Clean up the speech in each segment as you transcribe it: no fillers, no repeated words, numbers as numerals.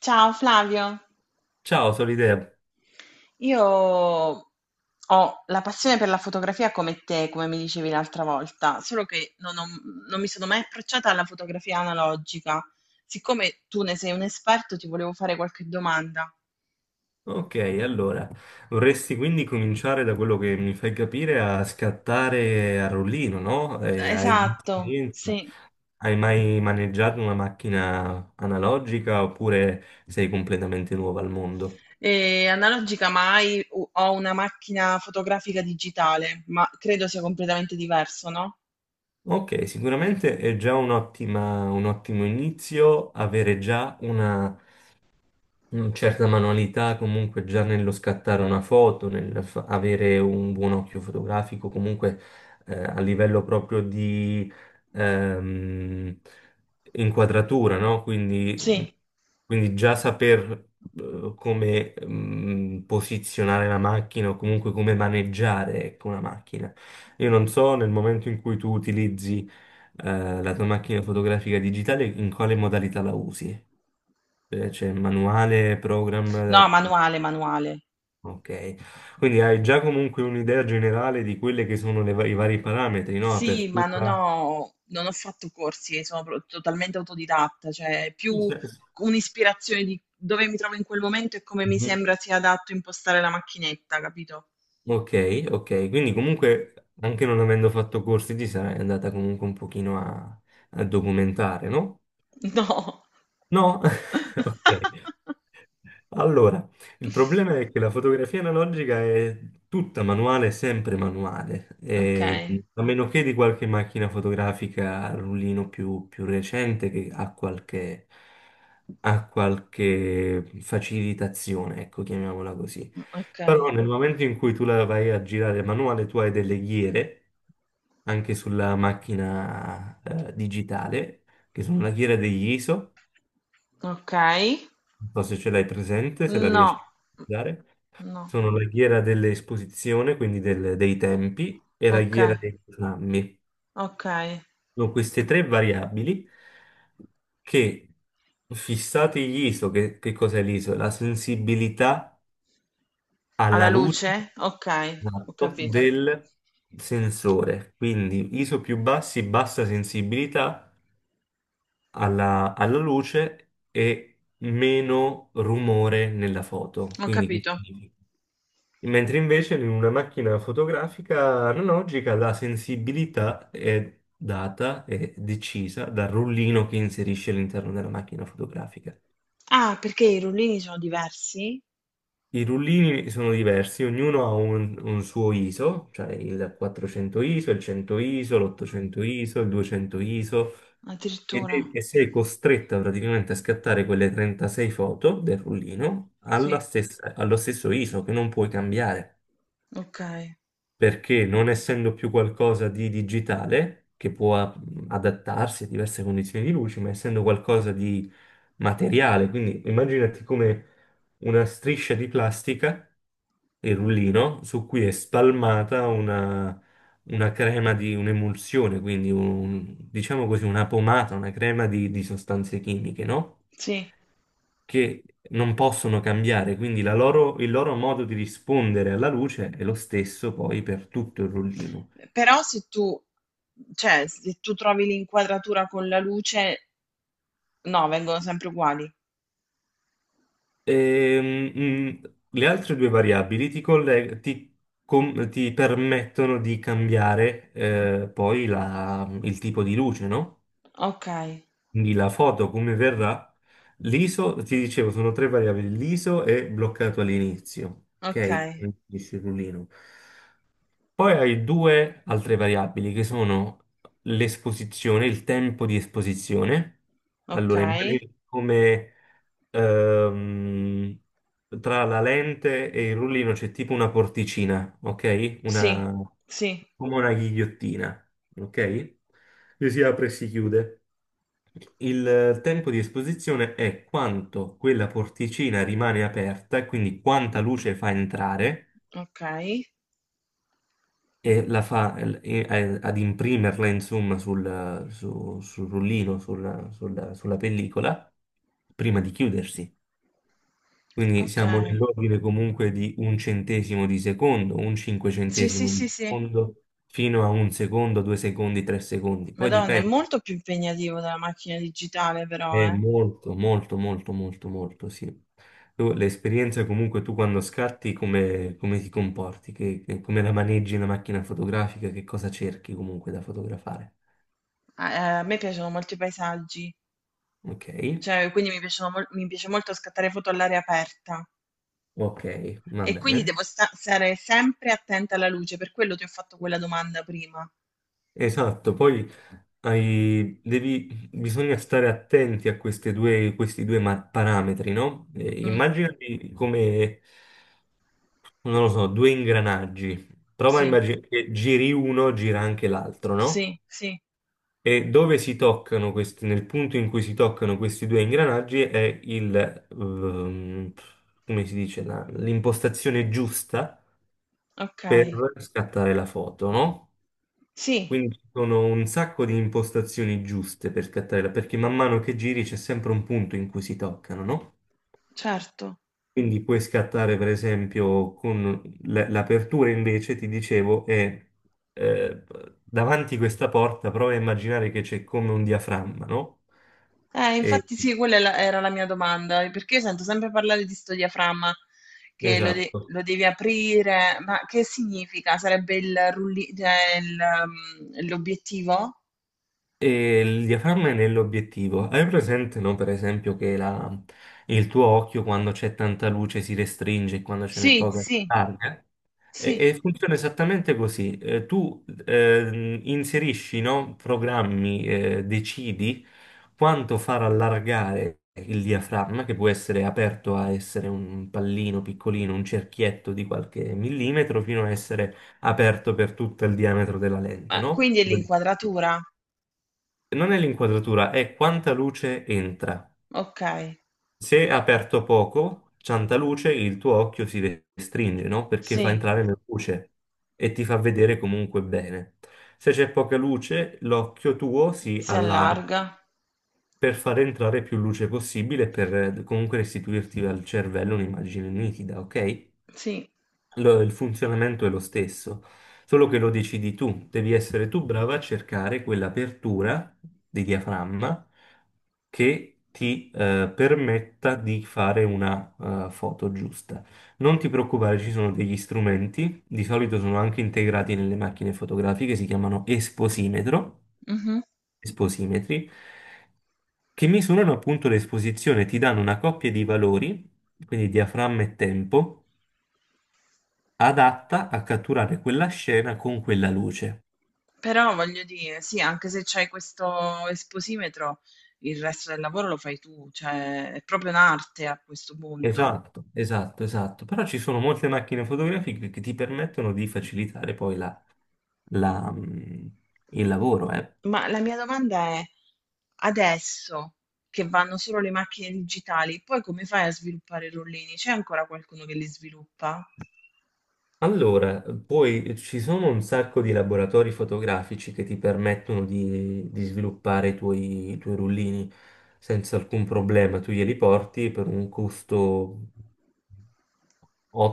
Ciao Flavio, Ciao Solidea. io ho la passione per la fotografia come te, come mi dicevi l'altra volta, solo che non mi sono mai approcciata alla fotografia analogica. Siccome tu ne sei un esperto, ti volevo fare qualche domanda. Ok, allora, vorresti quindi cominciare da quello che mi fai capire a scattare a rullino, no? Hai di Esatto, esperienza? sì. Hai mai maneggiato una macchina analogica oppure sei completamente nuova al mondo? E analogica mai, ho una macchina fotografica digitale, ma credo sia completamente diverso, no? Ok, sicuramente è già un ottimo inizio avere già una certa manualità comunque già nello scattare una foto, avere un buon occhio fotografico, comunque a livello proprio di ehm, inquadratura, no? Sì, Quindi, già saper come posizionare la macchina o comunque come maneggiare, ecco, una macchina. Io non so nel momento in cui tu utilizzi la tua macchina fotografica digitale in quale modalità la usi. C'è manuale, no, program, manuale, manuale. ok. Quindi hai già comunque un'idea generale di quelle che sono i vari parametri, no? Sì, ma Apertura. Non ho fatto corsi, totalmente autodidatta, cioè Sì, più sì, sì. un'ispirazione di dove mi trovo in quel momento e come mi Mhm. sembra sia adatto impostare la macchinetta, capito? Ok, ok. Quindi comunque anche non avendo fatto corsi ti sarai andata comunque un pochino a documentare, no? No. No? Ok. Allora, il problema è che la fotografia analogica è tutta manuale, sempre manuale, Ok, e, a meno che di qualche macchina fotografica a rullino più recente che ha qualche facilitazione, ecco, chiamiamola così. ok, Però nel momento in cui tu la vai a girare manuale, tu hai delle ghiere anche sulla macchina digitale, che sono la ghiera degli ISO, ok. non so se ce l'hai presente, se la riesci a No, utilizzare. no, Sono la ghiera dell'esposizione, quindi dei tempi, e la ok, ghiera dei programmi. ok. Sono queste tre variabili che, fissati gli ISO, che cos'è l'ISO? La sensibilità Alla alla luce, luce? Ok, ho esatto, capito, del sensore. Quindi ISO più bassi, bassa sensibilità alla luce e meno rumore nella foto. ho Quindi che capito. significa? Mentre invece in una macchina fotografica analogica la sensibilità è data e decisa dal rullino che inserisce all'interno della macchina fotografica. Ah, perché i rullini sono diversi? I rullini sono diversi, ognuno ha un suo ISO, cioè il 400 ISO, il 100 ISO, l'800 ISO, il 200 ISO, Addirittura. E sei costretta praticamente a scattare quelle 36 foto del rullino Sì, allo stesso ISO che non puoi cambiare. okay, Perché non essendo più qualcosa di digitale, che può adattarsi a diverse condizioni di luce, ma essendo qualcosa di materiale, quindi immaginati come una striscia di plastica, il rullino, su cui è spalmata una crema di un'emulsione, quindi diciamo così una pomata, una crema di sostanze chimiche, no? sì. Che non possono cambiare, quindi il loro modo di rispondere alla luce è lo stesso poi per tutto il rullino. Però se tu trovi l'inquadratura con la luce no, vengono sempre uguali. Ehm, mm, le altre due variabili ti, colle- ti com- ti permettono di cambiare poi il tipo di luce, no? Okay, Quindi la foto come verrà, l'ISO, ti dicevo, sono tre variabili, l'ISO è bloccato all'inizio, ok? okay, Quindi il rullino. Poi hai due altre variabili che sono l'esposizione, il tempo di esposizione. Allora, okay. immagini come ehm, tra la lente e il rullino c'è tipo una porticina, ok? Sì, Una, sì, come una ghigliottina, ok? Che si apre e si chiude. Il tempo di esposizione è quanto quella porticina rimane aperta, quindi quanta luce fa entrare okay, e la fa ad imprimerla insomma sul rullino, sulla pellicola, prima di chiudersi. Quindi siamo okay. nell'ordine comunque di un centesimo di secondo, un Sì, sì, cinquecentesimo di sì, sì. secondo, fino a un secondo, 2 secondi, 3 secondi. Poi Madonna, è dipende. molto più impegnativo della macchina digitale però, È eh. molto, molto, molto, molto, molto, sì. L'esperienza comunque tu quando scatti come ti comporti, come la maneggi la macchina fotografica, che cosa cerchi comunque da fotografare. A me piacciono molto i paesaggi, Ok, cioè quindi mi piace molto scattare foto all'aria aperta. ok, va E quindi bene. Stare sempre attenta alla luce, per quello ti ho fatto quella domanda prima. Esatto, poi bisogna stare attenti a queste questi due parametri, no? Mm, Immaginati come, non lo so, due ingranaggi. Prova a sì, immaginare che giri uno, gira anche l'altro, no? sì, sì, E dove si toccano questi, nel punto in cui si toccano questi due ingranaggi è il, come si dice, l'impostazione giusta ok. per scattare la foto, no? Sì, Quindi ci sono un sacco di impostazioni giuste per scattare la, perché man mano che giri c'è sempre un punto in cui si toccano, no? certo. Quindi puoi scattare, per esempio, con l'apertura invece, ti dicevo, è eh, davanti questa porta, prova a immaginare che c'è come un diaframma, no? E- Infatti sì, era la mia domanda, perché io sento sempre parlare di sto diaframma, che esatto. lo devi aprire, ma che significa? Sarebbe il rulli- cioè il, um, l'obiettivo? E il diaframma è nell'obiettivo. Hai presente, no, per esempio, che il tuo occhio quando c'è tanta luce si restringe e quando ce n'è Sì, poca si sì, allarga? E, sì. e funziona esattamente così. Tu inserisci, no, programmi, decidi quanto far allargare il diaframma, che può essere aperto a essere un pallino piccolino, un cerchietto di qualche millimetro, fino a essere aperto per tutto il diametro della lente, Ah, no? quindi è l'inquadratura. Non è l'inquadratura, è quanta luce entra. Ok, Se aperto poco, Ciantaluce, il tuo occhio si restringe, no? Perché fa sì, entrare la luce e ti fa vedere comunque bene. Se c'è poca luce, l'occhio tuo si si allarga allarga. per far entrare più luce possibile e per comunque restituirti al cervello un'immagine nitida, ok? Sì, Il funzionamento è lo stesso, solo che lo decidi tu, devi essere tu brava a cercare quell'apertura di diaframma che ti permetta di fare una foto giusta. Non ti preoccupare, ci sono degli strumenti, di solito sono anche integrati nelle macchine fotografiche, si chiamano esposimetro, mhm. esposimetri, che misurano appunto l'esposizione, ti danno una coppia di valori, quindi diaframma e tempo adatta a catturare quella scena con quella luce. Però voglio dire, sì, anche se c'hai questo esposimetro, il resto del lavoro lo fai tu, cioè è proprio un'arte a questo punto. Esatto, esatto, esatto. Però ci sono molte macchine fotografiche che ti permettono di facilitare poi la, mm, il lavoro, eh. Ma la mia domanda è, adesso che vanno solo le macchine digitali, poi come fai a sviluppare i rollini? C'è ancora qualcuno che li sviluppa? Allora, poi ci sono un sacco di laboratori fotografici che ti permettono di sviluppare i tuoi rullini senza alcun problema. Tu glieli porti per un costo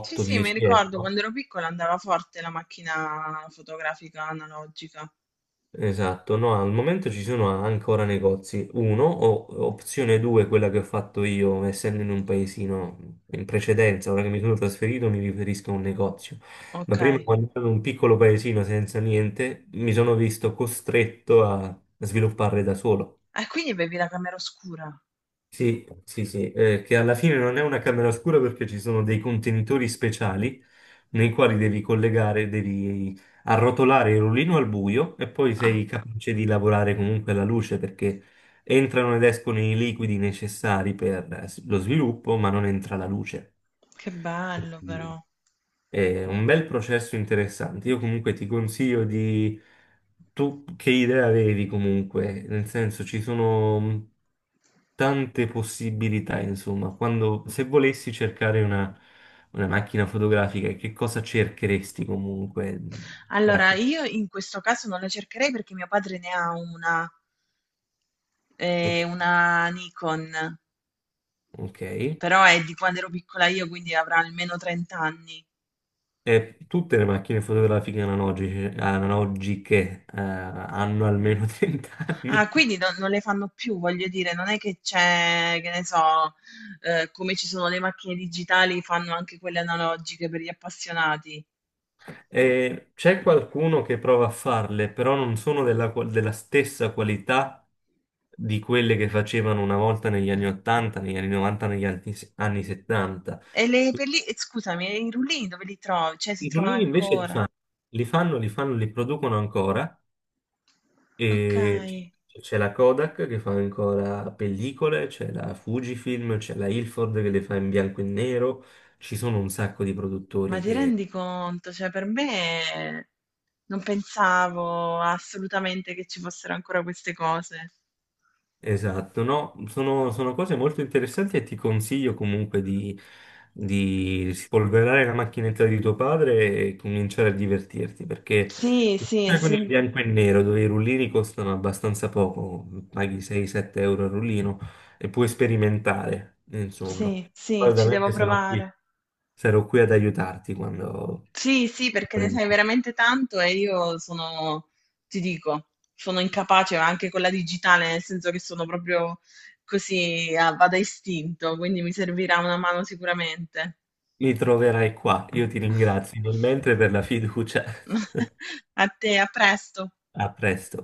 Sì, sì, mi ricordo euro. quando ero piccola andava forte la macchina fotografica analogica. Esatto, no, al momento ci sono ancora negozi. Uno, o opzione 2, quella che ho fatto io, essendo in un paesino in precedenza, ora che mi sono trasferito mi riferisco a un negozio. Ma Ok. prima, quando ero in un piccolo paesino senza niente, mi sono visto costretto a sviluppare da solo. E quindi bevi la camera oscura? Sì, sì, sì, che alla fine non è una camera oscura perché ci sono dei contenitori speciali nei quali devi collegare, devi arrotolare il rullino al buio e poi Ah, sei capace di lavorare comunque alla luce perché entrano ed escono i liquidi necessari per lo sviluppo, ma non entra la luce. che bello però. È un bel processo interessante. Io comunque ti consiglio di... Tu che idea avevi comunque? Nel senso, ci sono tante possibilità, insomma. Se volessi cercare una macchina fotografica, che cosa cercheresti comunque? Dai. Allora, io in questo caso non la cercherei perché mio padre ne ha Ok. una Nikon, Ok. però è di quando ero piccola io, quindi avrà almeno 30 anni. E tutte le macchine fotografiche analogiche, hanno almeno 30 Ah, anni. quindi non, non le fanno più, voglio dire, non è che c'è, che ne so, come ci sono le macchine digitali, fanno anche quelle analogiche per gli appassionati. E c'è qualcuno che prova a farle, però non sono della, della stessa qualità di quelle che facevano una volta negli anni Mm. 80, negli anni 90, negli anni 70. E scusami, e i rullini dove li trovi? Cioè, si I trovano rullini invece ancora? Li fanno, li producono ancora Ok. e c'è la Kodak che fa ancora pellicole, c'è la Fujifilm, c'è la Ilford che le fa in bianco e nero, ci sono un sacco di Ma produttori. ti rendi conto? Cioè, per me non pensavo assolutamente che ci fossero ancora queste cose. Esatto, no, sono cose molto interessanti e ti consiglio comunque di spolverare la macchinetta di tuo padre e cominciare a divertirti, perché Sì, sì, con il sì, bianco e nero, dove i rullini costano abbastanza poco, paghi 6-7 euro al rullino e puoi sperimentare, insomma. sì, Poi sì, ci devo ovviamente sarò qui, provare. sarò qui ad aiutarti quando Sì, sì, perché ne sai veramente tanto e io sono, ti dico, sono incapace anche con la digitale, nel senso che sono proprio così, vado a istinto, quindi mi servirà una mano sicuramente. mi troverai qua. Io ti ringrazio nel mentre per la fiducia. A te, a presto. A presto.